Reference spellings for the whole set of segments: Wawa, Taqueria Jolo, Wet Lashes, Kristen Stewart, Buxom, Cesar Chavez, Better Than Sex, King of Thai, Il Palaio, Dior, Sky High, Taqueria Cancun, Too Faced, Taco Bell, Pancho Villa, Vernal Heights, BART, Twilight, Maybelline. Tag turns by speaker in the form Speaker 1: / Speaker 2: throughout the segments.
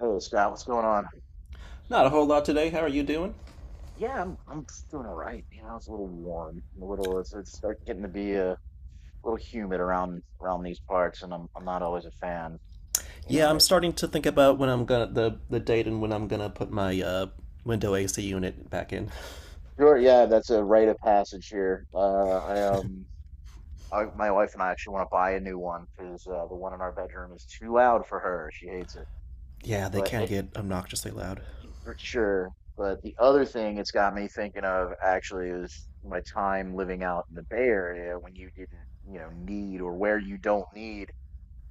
Speaker 1: Hey Scott, what's going on?
Speaker 2: Not a whole lot today. How are you doing?
Speaker 1: Yeah, I'm just doing all right. You know, it's a little warm, a little it's starting getting to be a little humid around these parts, and I'm not always a fan. You
Speaker 2: Yeah,
Speaker 1: know,
Speaker 2: I'm
Speaker 1: it,
Speaker 2: starting to think about when I'm gonna the date and when I'm gonna put my window AC unit back in.
Speaker 1: sure, yeah, that's a rite of passage here. I, my wife and I actually want to buy a new one because the one in our bedroom is too loud for her. She hates it,
Speaker 2: Yeah, they
Speaker 1: but
Speaker 2: can
Speaker 1: it
Speaker 2: get obnoxiously loud.
Speaker 1: for sure. But the other thing it's got me thinking of actually is my time living out in the Bay Area when you didn't, you know, need or where you don't need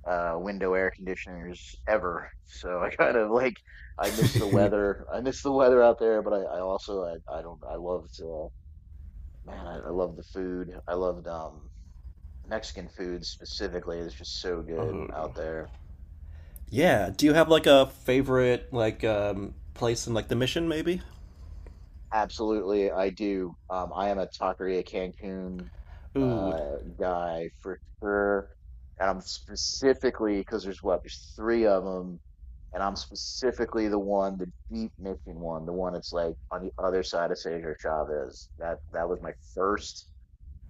Speaker 1: window air conditioners ever. So I kind of like I miss the weather. I miss the weather out there, but I also I don't I loved man I love the food. I loved Mexican food specifically. It's just so good
Speaker 2: Uh,
Speaker 1: out there.
Speaker 2: yeah. Do you have like a favorite like place in like the mission maybe?
Speaker 1: Absolutely, I do. I am a Taqueria Cancun
Speaker 2: Ooh.
Speaker 1: guy for sure. And I'm specifically because there's three of them and I'm specifically the one, the deep mission one, the one that's like on the other side of Cesar Chavez. That was my first.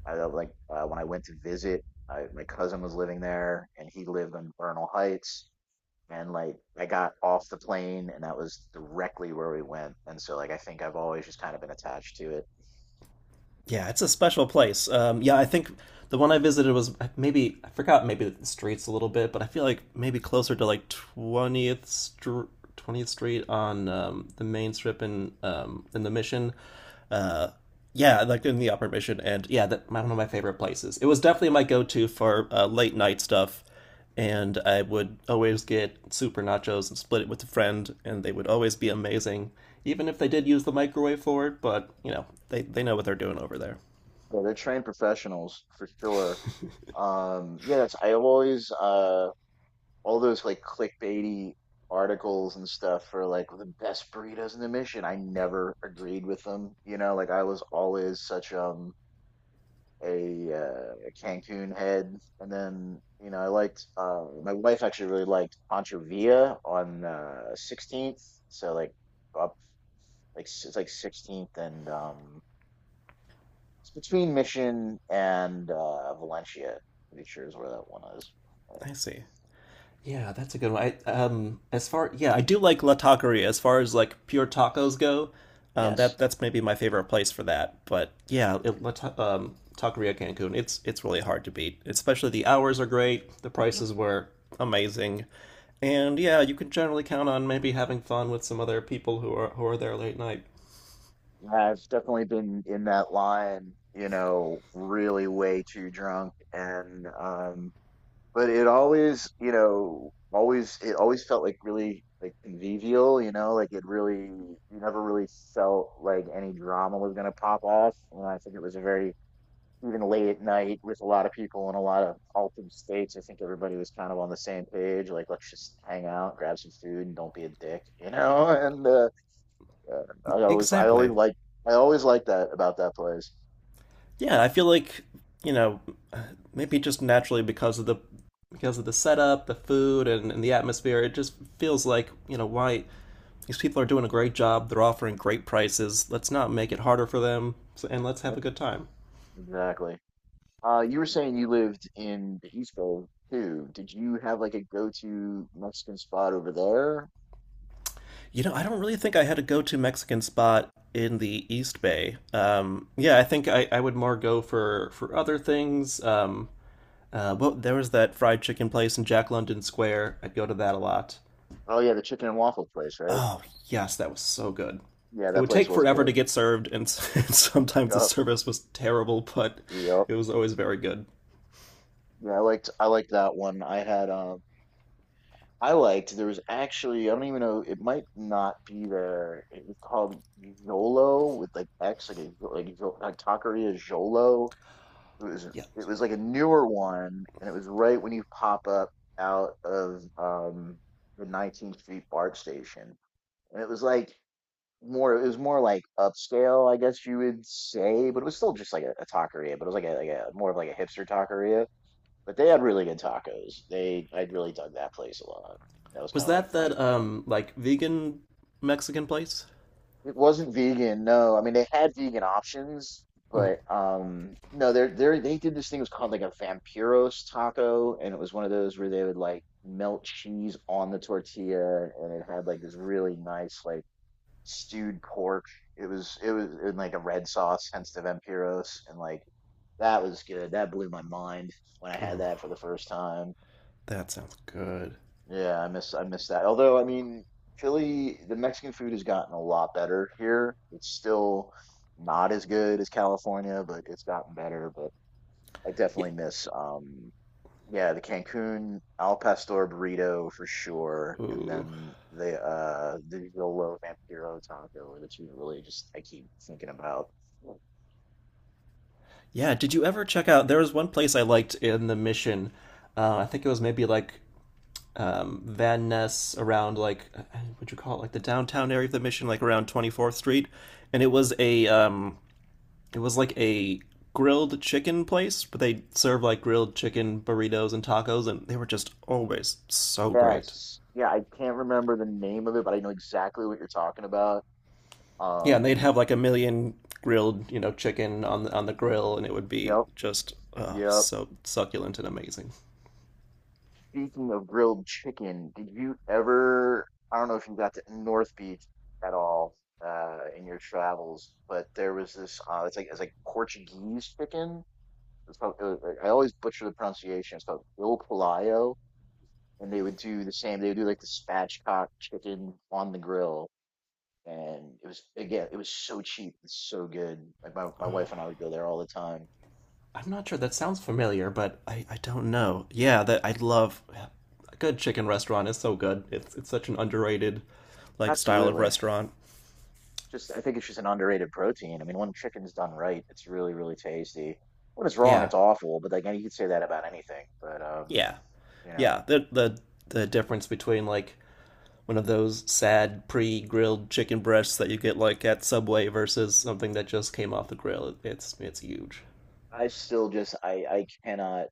Speaker 1: I like when I went to visit. I, my cousin was living there, and he lived on Vernal Heights. And like I got off the plane, and that was directly where we went. And so like I think I've always just kind of been attached to it.
Speaker 2: Yeah, it's a special place. Yeah, I think the one I visited was maybe I forgot maybe the streets a little bit, but I feel like maybe closer to like 20th Street, 20th Street on the main strip in the Mission. Uh, yeah, like in the Upper Mission, and yeah, one of my favorite places. It was definitely my go-to for late night stuff, and I would always get super nachos and split it with a friend, and they would always be amazing, even if they did use the microwave for it. But you know, they know what they're doing over there.
Speaker 1: Yeah, they're trained professionals for sure. Yeah, that's, I've always all those like clickbaity articles and stuff for like the best burritos in the mission. I never agreed with them. You know, like I was always such a Cancun head, and then you know I liked my wife actually really liked Pancho Villa on 16th. So like up it's like 16th and it's between Mission and Valencia. I'm pretty sure is where that one is. But
Speaker 2: I see. Yeah, that's a good one. I, as far Yeah, I do like La Taqueria. As far as like pure
Speaker 1: yes.
Speaker 2: tacos go, that's maybe my favorite place for that. But yeah, Taqueria Cancun, it's really hard to beat. Especially the hours are great, the
Speaker 1: Yes.
Speaker 2: prices were amazing, and yeah, you can generally count on maybe having fun with some other people who are there late night.
Speaker 1: Yeah, I've definitely been in that line, you know, really way too drunk and but it always, you know, always it always felt like really like convivial, you know, like it really you never really felt like any drama was gonna pop off. And I think it was a very even late at night with a lot of people in a lot of altered states, I think everybody was kind of on the same page, like let's just hang out, grab some food and don't be a dick, you know? And yeah,
Speaker 2: Exactly.
Speaker 1: I always like that about that place.
Speaker 2: Yeah, I feel like, you know, maybe just naturally because of the setup, the food, and the atmosphere, it just feels like, you know, why these people are doing a great job. They're offering great prices. Let's not make
Speaker 1: Mhm.
Speaker 2: it harder for them, and let's have
Speaker 1: Yep,
Speaker 2: a good time.
Speaker 1: exactly. You were saying you lived in the East Bay too. Did you have like a go-to Mexican spot over there?
Speaker 2: You know, I don't really think I had a go-to Mexican spot in the East Bay. Yeah, I think I would more go for other things. Well, there was that fried chicken place in Jack London Square. I'd go to that a lot.
Speaker 1: Oh yeah, the chicken and waffle place, right?
Speaker 2: Oh, yes, that was so good.
Speaker 1: Yeah,
Speaker 2: It
Speaker 1: that
Speaker 2: would
Speaker 1: place
Speaker 2: take
Speaker 1: was
Speaker 2: forever to
Speaker 1: good.
Speaker 2: get served, and, and sometimes the
Speaker 1: Yep.
Speaker 2: service was terrible, but
Speaker 1: Yep.
Speaker 2: it was always very good.
Speaker 1: Yeah, I liked that one. I liked. There was actually, I don't even know. It might not be there. It was called Jolo with like X, like Taqueria Jolo. It was
Speaker 2: Yeah.
Speaker 1: it was like a newer one, and it was right when you pop up out of the 19th Street BART station, and it was like more it was more like upscale, I guess you would say, but it was still just like a taqueria, but it was like a more of like a hipster taqueria. But they had really good tacos. They I really dug that place a lot. That was kind
Speaker 2: Was
Speaker 1: of like
Speaker 2: that
Speaker 1: my.
Speaker 2: that, like, vegan Mexican place?
Speaker 1: It wasn't vegan, no. I mean, they had vegan options, but no, they did this thing it was called like a vampiros taco, and it was one of those where they would like melt cheese on the tortilla, and it had like this really nice like stewed pork. It was in like a red sauce, hence the vampiros, and like that was good. That blew my mind when I had
Speaker 2: Ooh,
Speaker 1: that for the first time.
Speaker 2: that sounds good.
Speaker 1: Yeah, I miss that. Although, I mean, Philly, the Mexican food has gotten a lot better here. It's still not as good as California, but it's gotten better. But I
Speaker 2: Yeah.
Speaker 1: definitely miss yeah, the Cancun al pastor burrito for sure, and
Speaker 2: Ooh.
Speaker 1: then the Yolo Vampiro taco are the two that really just I keep thinking about.
Speaker 2: Yeah, did you ever check out? There was one place I liked in the Mission. I think it was maybe like Van Ness around like what'd you call it? Like the downtown area of the Mission, like around 24th Street. And it was a It was like a grilled chicken place, but they served like grilled chicken burritos and tacos, and they were just always so great.
Speaker 1: Yes. Yeah, I can't remember the name of it, but I know exactly what you're talking about.
Speaker 2: Yeah, and they'd
Speaker 1: Um,
Speaker 2: have like a million grilled, you know, chicken on the grill, and it would be
Speaker 1: yep.
Speaker 2: just, oh,
Speaker 1: Yep.
Speaker 2: so succulent and amazing.
Speaker 1: Speaking of grilled chicken, did you ever, I don't know if you got to North Beach at all in your travels, but there was it's like Portuguese chicken. It's called, I always butcher the pronunciation. It's called Il Palaio, and they would do the same. They would do like the spatchcock chicken on the grill, and it was again, it was so cheap, it's so good. Like my wife and I would go there all the time.
Speaker 2: I'm not sure, that sounds familiar, but I don't know. Yeah, that I love. Yeah, a good chicken restaurant is so good. It's such an underrated like style of
Speaker 1: Absolutely.
Speaker 2: restaurant.
Speaker 1: Just, I think it's just an underrated protein. I mean, when chicken's done right, it's really, really tasty. When it's wrong, it's
Speaker 2: Yeah.
Speaker 1: awful. But like, you could say that about anything. But
Speaker 2: Yeah.
Speaker 1: you know,
Speaker 2: Yeah, the difference between like one of those sad pre-grilled chicken breasts that you get like at Subway versus something that just came off the grill, it's huge.
Speaker 1: I still just, I cannot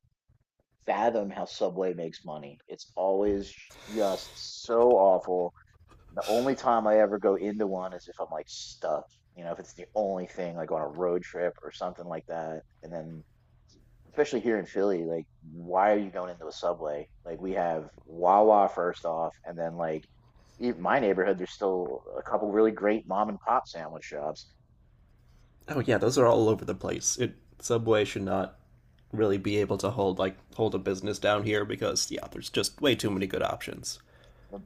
Speaker 1: fathom how Subway makes money. It's always just so awful. The only time I ever go into one is if I'm like stuck. You know, if it's the only thing, like on a road trip or something like that. And then especially here in Philly, like, why are you going into a subway? Like, we have Wawa first off, and then like in my neighborhood, there's still a couple really great mom and pop sandwich shops.
Speaker 2: Oh yeah, those are all over the place. It Subway should not really be able to hold a business down here because yeah, there's just way too many good options.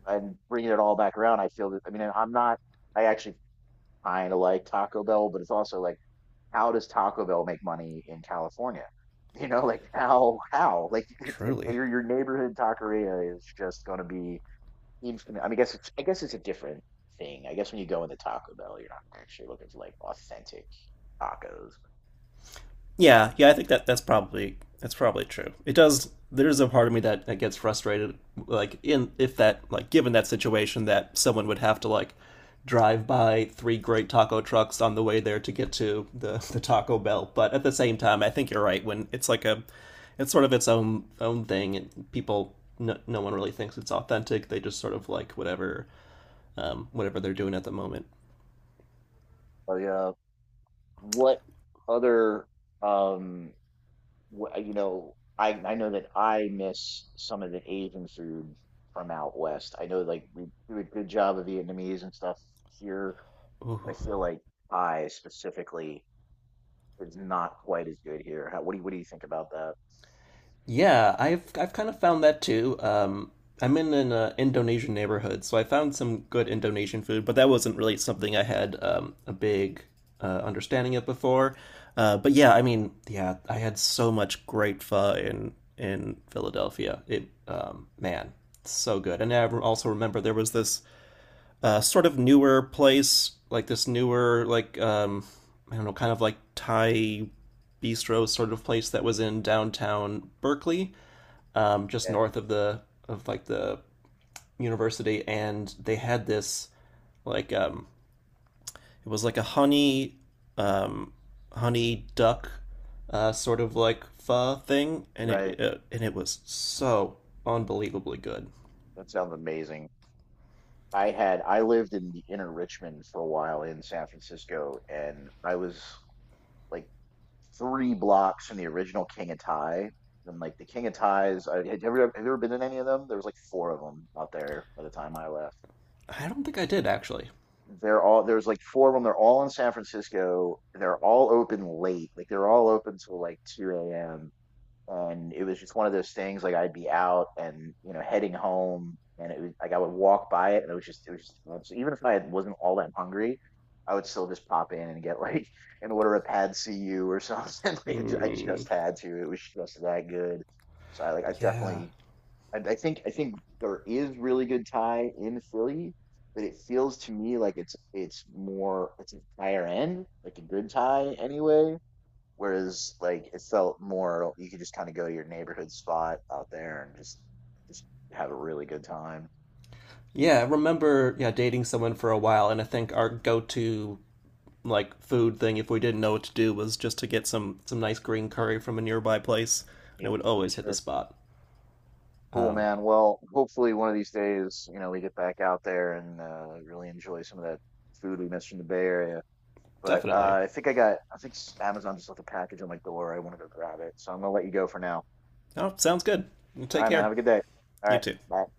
Speaker 1: And- Bringing it all back around, I feel that I mean, I'm not. I actually kind of like Taco Bell, but it's also like, how does Taco Bell make money in California? You know, like how like it's like
Speaker 2: Truly.
Speaker 1: your neighborhood taqueria is just going to be. Seems to me, I mean, I guess it's a different thing. I guess when you go into Taco Bell, you're not actually looking for like authentic tacos.
Speaker 2: Yeah, I think that's probably true. It does. There's a part of me that, gets frustrated, like in if that like given that situation, that someone would have to like drive by three great taco trucks on the way there to get to the Taco Bell. But at the same time, I think you're right. When it's like a, it's sort of its own thing, and people, no one really thinks it's authentic. They just sort of like whatever whatever they're doing at the moment.
Speaker 1: But what other um, you know, I know that I miss some of the Asian food from out west. I know like we do a good job of Vietnamese and stuff here, but I feel like Thai specifically is not quite as good here. How, what do you think about that?
Speaker 2: Yeah, I've kind of found that too. I'm in an Indonesian neighborhood, so I found some good Indonesian food, but that wasn't really something I had a big understanding of before. But yeah, I mean, yeah, I had so much great pho in Philadelphia. It, man, it's so good. And also remember there was this sort of newer place, like this newer like I don't know, kind of like Thai bistro sort of place that was in downtown Berkeley just
Speaker 1: Yeah,
Speaker 2: north of the of like the university, and they had this like it was like a honey um, honey duck sort of like pho thing, and it,
Speaker 1: right.
Speaker 2: it and it was so unbelievably good.
Speaker 1: That sounds amazing. I lived in the inner Richmond for a while in San Francisco, and I was like 3 blocks from the original King of Thai. And like the King of Thais, I, had you ever have you ever been in any of them? There was like four of them out there by the time I left.
Speaker 2: I don't think I did actually.
Speaker 1: They're all There's like four of them. They're all in San Francisco. They're all open late. Like they're all open till like 2 a.m. and it was just one of those things like I'd be out and you know heading home and it was like I would walk by it and it was just too even if I wasn't all that hungry I would still just pop in and get like and order a pad see you or something I
Speaker 2: Mm,
Speaker 1: just had to it was just that good so I like I
Speaker 2: yeah,
Speaker 1: definitely I think there is really good Thai in Philly but it feels to me like it's more it's a higher end like a good Thai anyway. Whereas like it felt more you could just kind of go to your neighborhood spot out there and just have a really good time.
Speaker 2: yeah. I remember, yeah, dating someone for a while, and I think our go to like food thing if we didn't know what to do was just to get some nice green curry from a nearby place, and it
Speaker 1: Yeah,
Speaker 2: would
Speaker 1: for
Speaker 2: always hit the
Speaker 1: sure.
Speaker 2: spot.
Speaker 1: Cool, man. Well, hopefully one of these days, you know, we get back out there and really enjoy some of that food we missed from the Bay Area. But
Speaker 2: Definitely.
Speaker 1: uh, I think I got, I think s- Amazon just left a package on my door. I want to go grab it. So I'm gonna let you go for now.
Speaker 2: Oh, sounds good. Well,
Speaker 1: All
Speaker 2: take
Speaker 1: right, man.
Speaker 2: care.
Speaker 1: Have a good day. All
Speaker 2: You
Speaker 1: right.
Speaker 2: too.
Speaker 1: Bye.